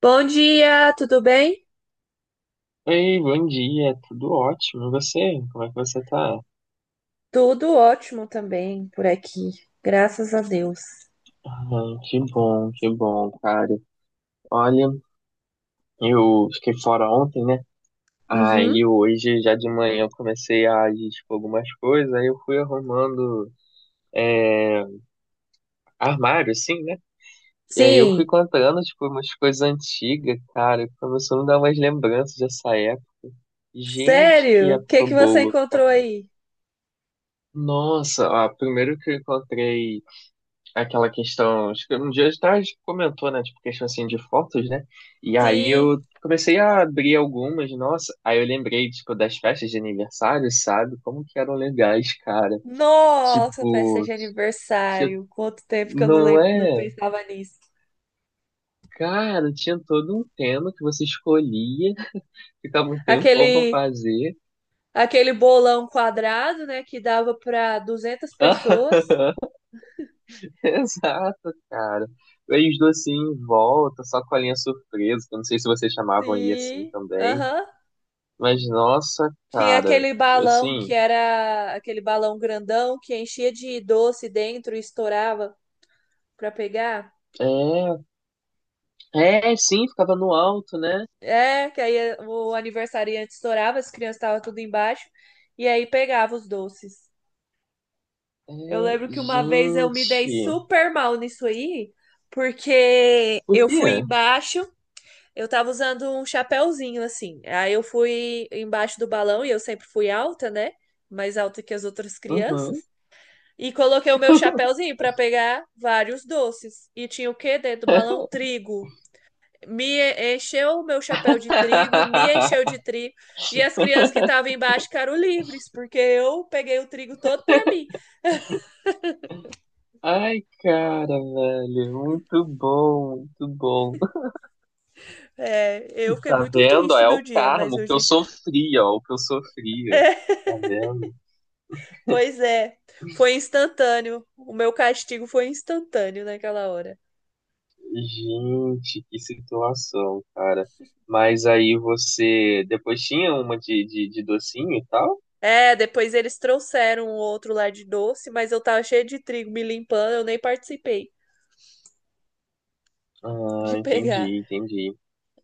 Bom dia, tudo bem? Ei, bom dia, tudo ótimo. E você? Como é que você tá? Tudo ótimo também por aqui, graças a Deus. Ai, que bom, cara. Olha, eu fiquei fora ontem, né? Uhum. Aí hoje, já de manhã, eu comecei a agir, tipo, algumas coisas, aí eu fui arrumando armário, assim, né? E aí eu fui Sim, encontrando, tipo, umas coisas antigas, cara, e começou a me dar umas lembranças dessa época. Gente, que sério? O que época que você boa, encontrou cara. aí? Nossa, ó, primeiro que eu encontrei. Aquela questão, acho que um dia atrás comentou, né, tipo, questão assim de fotos, né? E aí Sim, eu comecei a abrir algumas, nossa, aí eu lembrei, tipo, das festas de aniversário, sabe? Como que eram legais, cara. nossa, festa Tipo, de tinha- aniversário. Quanto tempo que eu não não é? pensava nisso. Cara, tinha todo um tema que você escolhia, ficava um tempão pra Aquele, fazer. aquele bolão quadrado, né, que dava para 200 pessoas. Exato, cara. E aí os docinhos em volta, só com a linha surpresa, que eu não sei se vocês chamavam aí assim Sim, também. aham. Mas nossa, Tinha cara, aquele balão assim, que era aquele balão grandão que enchia de doce dentro e estourava para pegar. é, sim, ficava no alto, né? É, que aí o aniversariante estourava, as crianças estavam tudo embaixo, e aí pegava os doces. Eu É, lembro que uma vez eu me dei gente, super mal nisso aí, porque por eu fui quê? embaixo, eu tava usando um chapéuzinho assim. Aí eu fui embaixo do balão e eu sempre fui alta, né? Mais alta que as outras crianças. Uhum. E coloquei o meu chapéuzinho para pegar vários doces. E tinha o quê dentro do balão? Trigo. Me encheu o meu chapéu de trigo, me encheu de trigo, e as crianças que estavam embaixo ficaram livres, porque eu peguei o trigo todo para mim. Ai, cara, velho, muito bom, muito bom. É, eu fiquei Tá muito vendo? Ó, triste é o no dia, mas karma, o que eu hoje, sofria, ó, o que eu sofria. Tá vendo? pois é, foi instantâneo. O meu castigo foi instantâneo naquela hora. Gente, que situação, cara. Mas aí você depois tinha uma de docinho e tal? É, depois eles trouxeram um outro lá de doce, mas eu tava cheia de trigo me limpando, eu nem participei Ah, de pegar. entendi, entendi.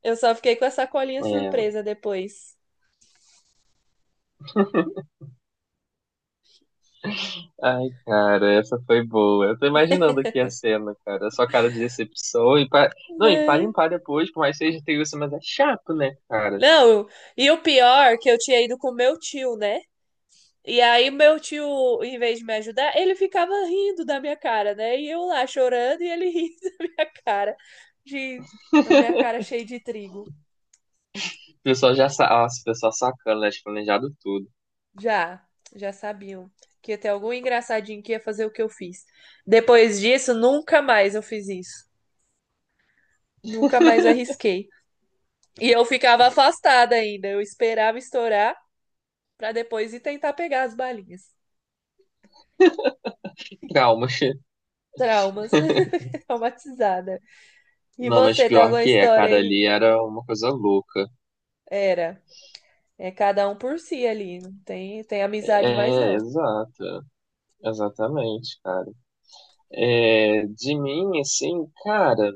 Eu só fiquei com a sacolinha É. surpresa depois. Ai, cara, essa foi boa. Eu tô imaginando aqui a cena, cara. A sua cara de decepção e pa Não, e pra Né? limpar depois, por mais que seja isso, mas é chato, né, cara? Não, e o pior que eu tinha ido com meu tio, né? E aí meu tio, em vez de me ajudar, ele ficava rindo da minha cara, né? E eu lá chorando e ele rindo da minha cara, de a minha cara cheia de trigo. O pessoal Nossa, o pessoal sacana, né? Planejado tudo. Já, já sabiam que ia ter algum engraçadinho que ia fazer o que eu fiz. Depois disso, nunca mais eu fiz isso. Nunca mais arrisquei. E eu ficava afastada ainda. Eu esperava estourar pra depois ir tentar pegar as balinhas. Traumas. Traumas. Traumatizada. E Não, mas você, tem pior alguma que é, história cara, aí? ali era uma coisa louca. Era. É cada um por si ali. Não tem, tem amizade mais É, não. exato. Exatamente, cara. É, de mim, assim, cara,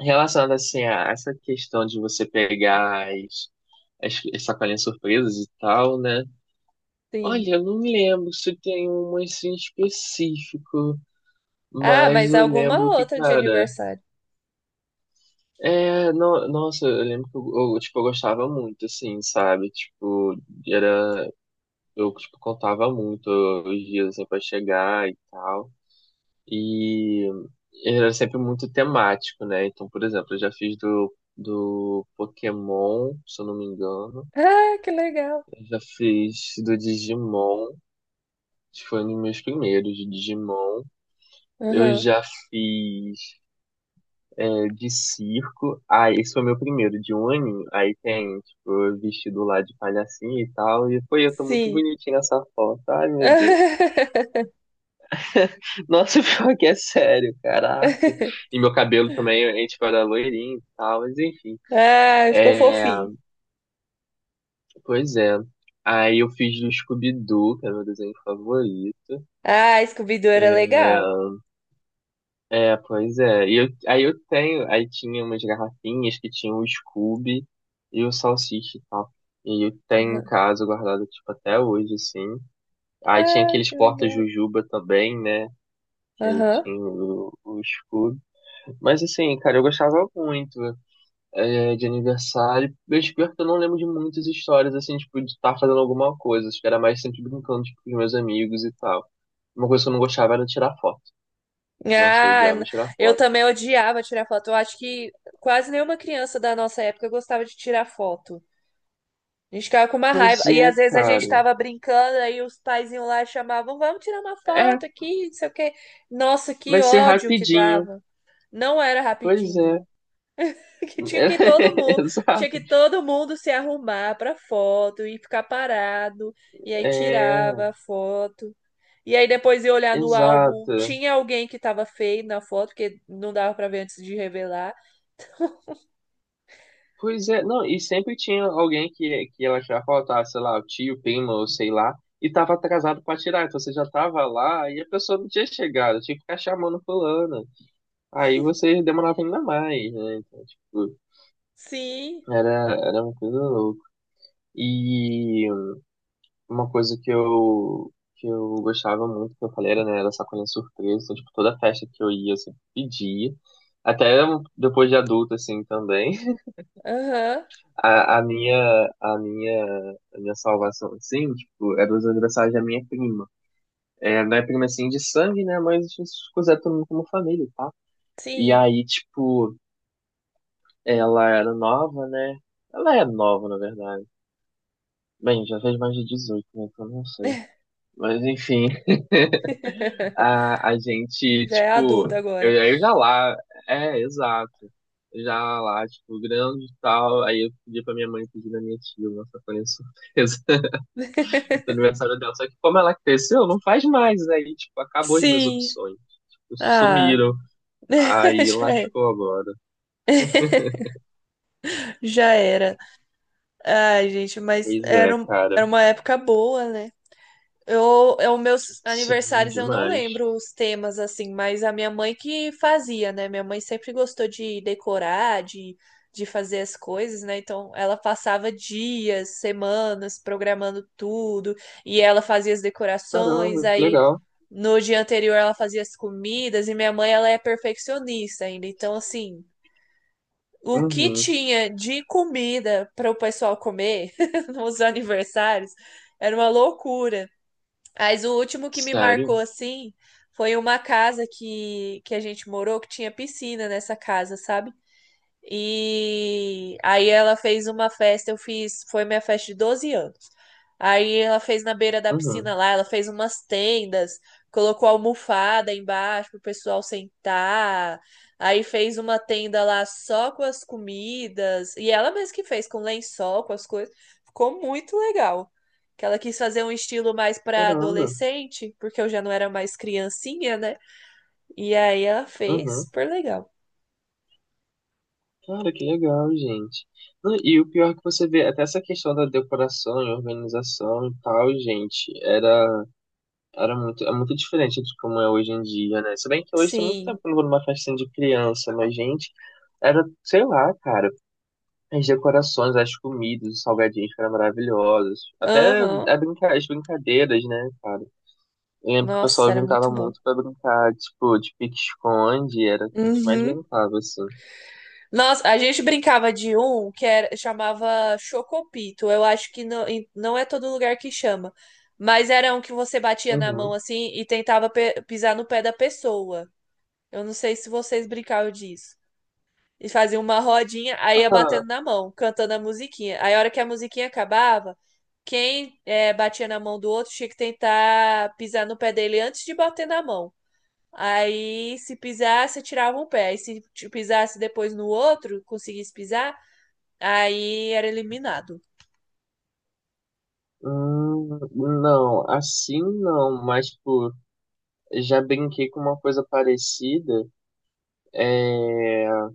relacionado assim a essa questão de você pegar as sacolinhas surpresas e tal, né? Sim. Olha, eu não me lembro se tem uma assim específico, Ah, mas mas eu alguma lembro que, outra de cara, aniversário. Nossa, eu lembro que eu, tipo, eu gostava muito, assim, sabe? Tipo, era, eu, tipo, contava muito os dias, assim, pra chegar e tal, e era sempre muito temático, né? Então, por exemplo, eu já fiz do Pokémon, se eu não me engano, Ah, que legal. eu já fiz do Digimon, acho que foi um dos meus primeiros de Digimon. Eu Aham. já fiz de circo. Ah, esse foi meu primeiro, de um aninho. Aí tem, tipo, vestido lá de palhacinho e tal. E foi, eu tô muito Sim. bonitinho nessa foto. Ai, meu Deus. Nossa, pior que é sério, caraca. E meu cabelo também, a gente era loirinho e tal, mas enfim. Ah, ficou É, fofinho. pois é. Aí eu fiz do Scooby-Doo, que é meu desenho favorito. Ah, Scooby-Doo era É, legal. Pois é. E eu, aí eu tenho, aí tinha umas garrafinhas que tinham o Scooby e o Salsicha e tal. E eu tenho em Aham. casa guardado, tipo, até hoje, assim. Aí tinha Ah, que aqueles legal. porta-jujuba também, né? Que aí Aham. tinha o Scooby. Mas assim, cara, eu gostava muito de aniversário. Mas pior que eu não lembro de muitas histórias, assim, tipo, de estar fazendo alguma coisa. Acho que era mais sempre brincando, tipo, com os meus amigos e tal. Uma coisa que eu não gostava era tirar foto. Nossa, eu Ah, odiava n- tirar eu foto. também odiava tirar foto. Eu acho que quase nenhuma criança da nossa época gostava de tirar foto. A gente ficava com uma raiva. Pois E é, às vezes a gente cara. tava brincando, aí os paizinhos lá chamavam, vamos tirar uma É, foto aqui, não sei o quê. Nossa, que vai ser ódio que rapidinho. dava. Não era Pois é. rapidinho. Que tinha que todo mundo, tinha Exato. que todo mundo se arrumar pra foto e ficar parado. E aí É, tirava a foto. E aí depois ia olhar no álbum, exato. tinha alguém que tava feio na foto, porque não dava pra ver antes de revelar. Pois é, não, e sempre tinha alguém que ela já faltava, sei lá, o tio, primo, ou sei lá, e tava atrasado pra tirar. Então você já tava lá e a pessoa não tinha chegado, tinha que ficar chamando fulano. Aí você demorava ainda mais, né? Então, tipo, Sim, era, era uma coisa louca. E uma coisa que eu gostava muito, que eu falei, era, né, era sacolinha surpresa. Então, tipo, toda festa que eu ia, eu sempre pedia. Até depois de adulto, assim, também. aham, A, a minha, a minha, a minha salvação, assim, tipo, era os aniversários da minha prima. É, não é prima, assim, de sangue, né, mas a gente se considera todo mundo como família, tá? E sim. aí, tipo, ela era nova, né? Ela é nova, na verdade. Bem, já fez mais de 18, né, então não sei. Mas, enfim. A gente, Já é tipo, adulta eu, agora. eu já lá, é, exato. Já lá, tipo, grande e tal. Aí eu pedi pra minha mãe pedir na minha tia uma sacolinha surpresa do aniversário dela. Só que como ela cresceu, não faz mais. Aí, tipo, acabou as minhas Sim. opções. Tipo, Ah, sumiram. Aí já era. lascou agora. Já era. Ai, gente, mas Pois é, era, um- cara. era uma época boa, né? Meus Sim, aniversários eu não demais. lembro os temas assim, mas a minha mãe que fazia, né? Minha mãe sempre gostou de decorar, de fazer as coisas, né? Então ela passava dias, semanas programando tudo e ela fazia as decorações. Caramba, que Aí legal. no dia anterior ela fazia as comidas e minha mãe ela é perfeccionista ainda, então assim, o que Uhum. tinha de comida para o pessoal comer nos aniversários era uma loucura. Mas o último que me marcou Sério? assim foi uma casa que a gente morou que tinha piscina nessa casa, sabe? E aí ela fez uma festa, eu fiz, foi minha festa de 12 anos. Aí ela fez na beira da Uhum. piscina lá, ela fez umas tendas, colocou almofada embaixo pro pessoal sentar. Aí fez uma tenda lá só com as comidas, e ela mesma que fez com lençol, com as coisas. Ficou muito legal. Que ela quis fazer um estilo mais para Caramba. adolescente, porque eu já não era mais criancinha, né? E aí ela fez, Uhum. super legal. Cara, que legal, gente. Não, e o pior é que você vê, até essa questão da decoração e organização e tal, gente, era, era muito, é muito diferente de como é hoje em dia, né? Se bem que hoje tem muito Sim. tempo que eu não vou numa festinha de criança, mas, gente, era, sei lá, cara, as decorações, as comidas, os salgadinhos que eram maravilhosos. Até Aham. As brincadeiras, né, cara? Eu lembro que o Nossa, pessoal era brincava muito bom. muito pra brincar, tipo, de pique-esconde, era o que a gente mais Uhum. brincava, assim. Nossa, a gente brincava de um que era, chamava Chocopito. Eu acho que não, não é todo lugar que chama. Mas era um que você batia na mão Uhum. assim e tentava pisar no pé da pessoa. Eu não sei se vocês brincavam disso. E fazia uma rodinha, aí ia Ah, batendo na mão, cantando a musiquinha. Aí a hora que a musiquinha acabava, quem batia na mão do outro tinha que tentar pisar no pé dele antes de bater na mão. Aí, se pisasse, tirava um pé. E se t- pisasse depois no outro, conseguisse pisar, aí era eliminado. Hum, não, assim não, mas por já brinquei com uma coisa parecida. É,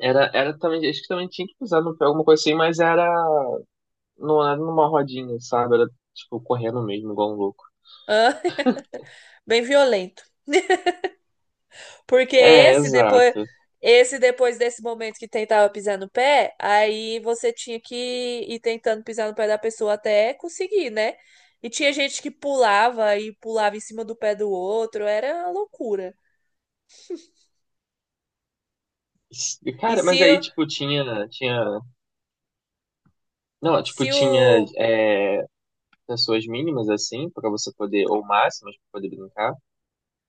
era também, acho que também tinha que pisar no pé, alguma coisa assim, mas era, não era numa rodinha, sabe? Era tipo correndo mesmo, igual um louco. Ah, bem violento. Porque É, esse depois, exato. esse depois desse momento que tentava pisar no pé, aí você tinha que ir tentando pisar no pé da pessoa até conseguir, né? E tinha gente que pulava e pulava em cima do pé do outro, era uma loucura. E Cara, se, mas aí o- tipo tinha, não, tipo se tinha o pessoas mínimas assim, pra você poder, ou máximas pra poder brincar.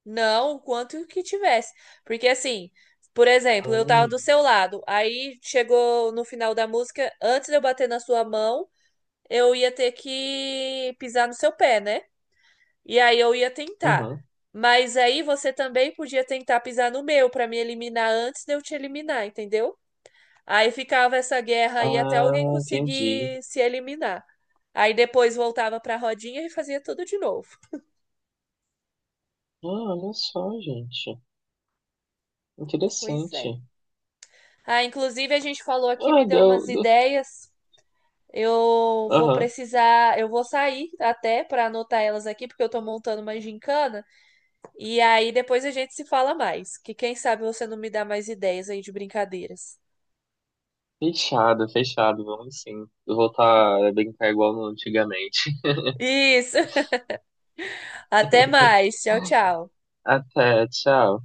Não, o quanto que tivesse. Porque assim, por exemplo, eu tava Hum, do seu lado, aí chegou no final da música, antes de eu bater na sua mão, eu ia ter que pisar no seu pé, né? E aí eu ia tentar. uhum. Mas aí você também podia tentar pisar no meu pra me eliminar antes de eu te eliminar, entendeu? Aí ficava essa guerra aí até Ah, alguém entendi. conseguir se eliminar. Aí depois voltava pra rodinha e fazia tudo de novo. Ah, olha só, gente. Pois é. Interessante. Ah, inclusive a gente falou aqui, Ah, me deu umas deu. Ideias. Aham. Eu vou sair até para anotar elas aqui, porque eu tô montando uma gincana. E aí depois a gente se fala mais, que quem sabe você não me dá mais ideias aí de brincadeiras. Fechado, fechado. Vamos sim. Eu vou voltar a brincar igual no antigamente. Isso. Até mais. Tchau, tchau. Até, tchau.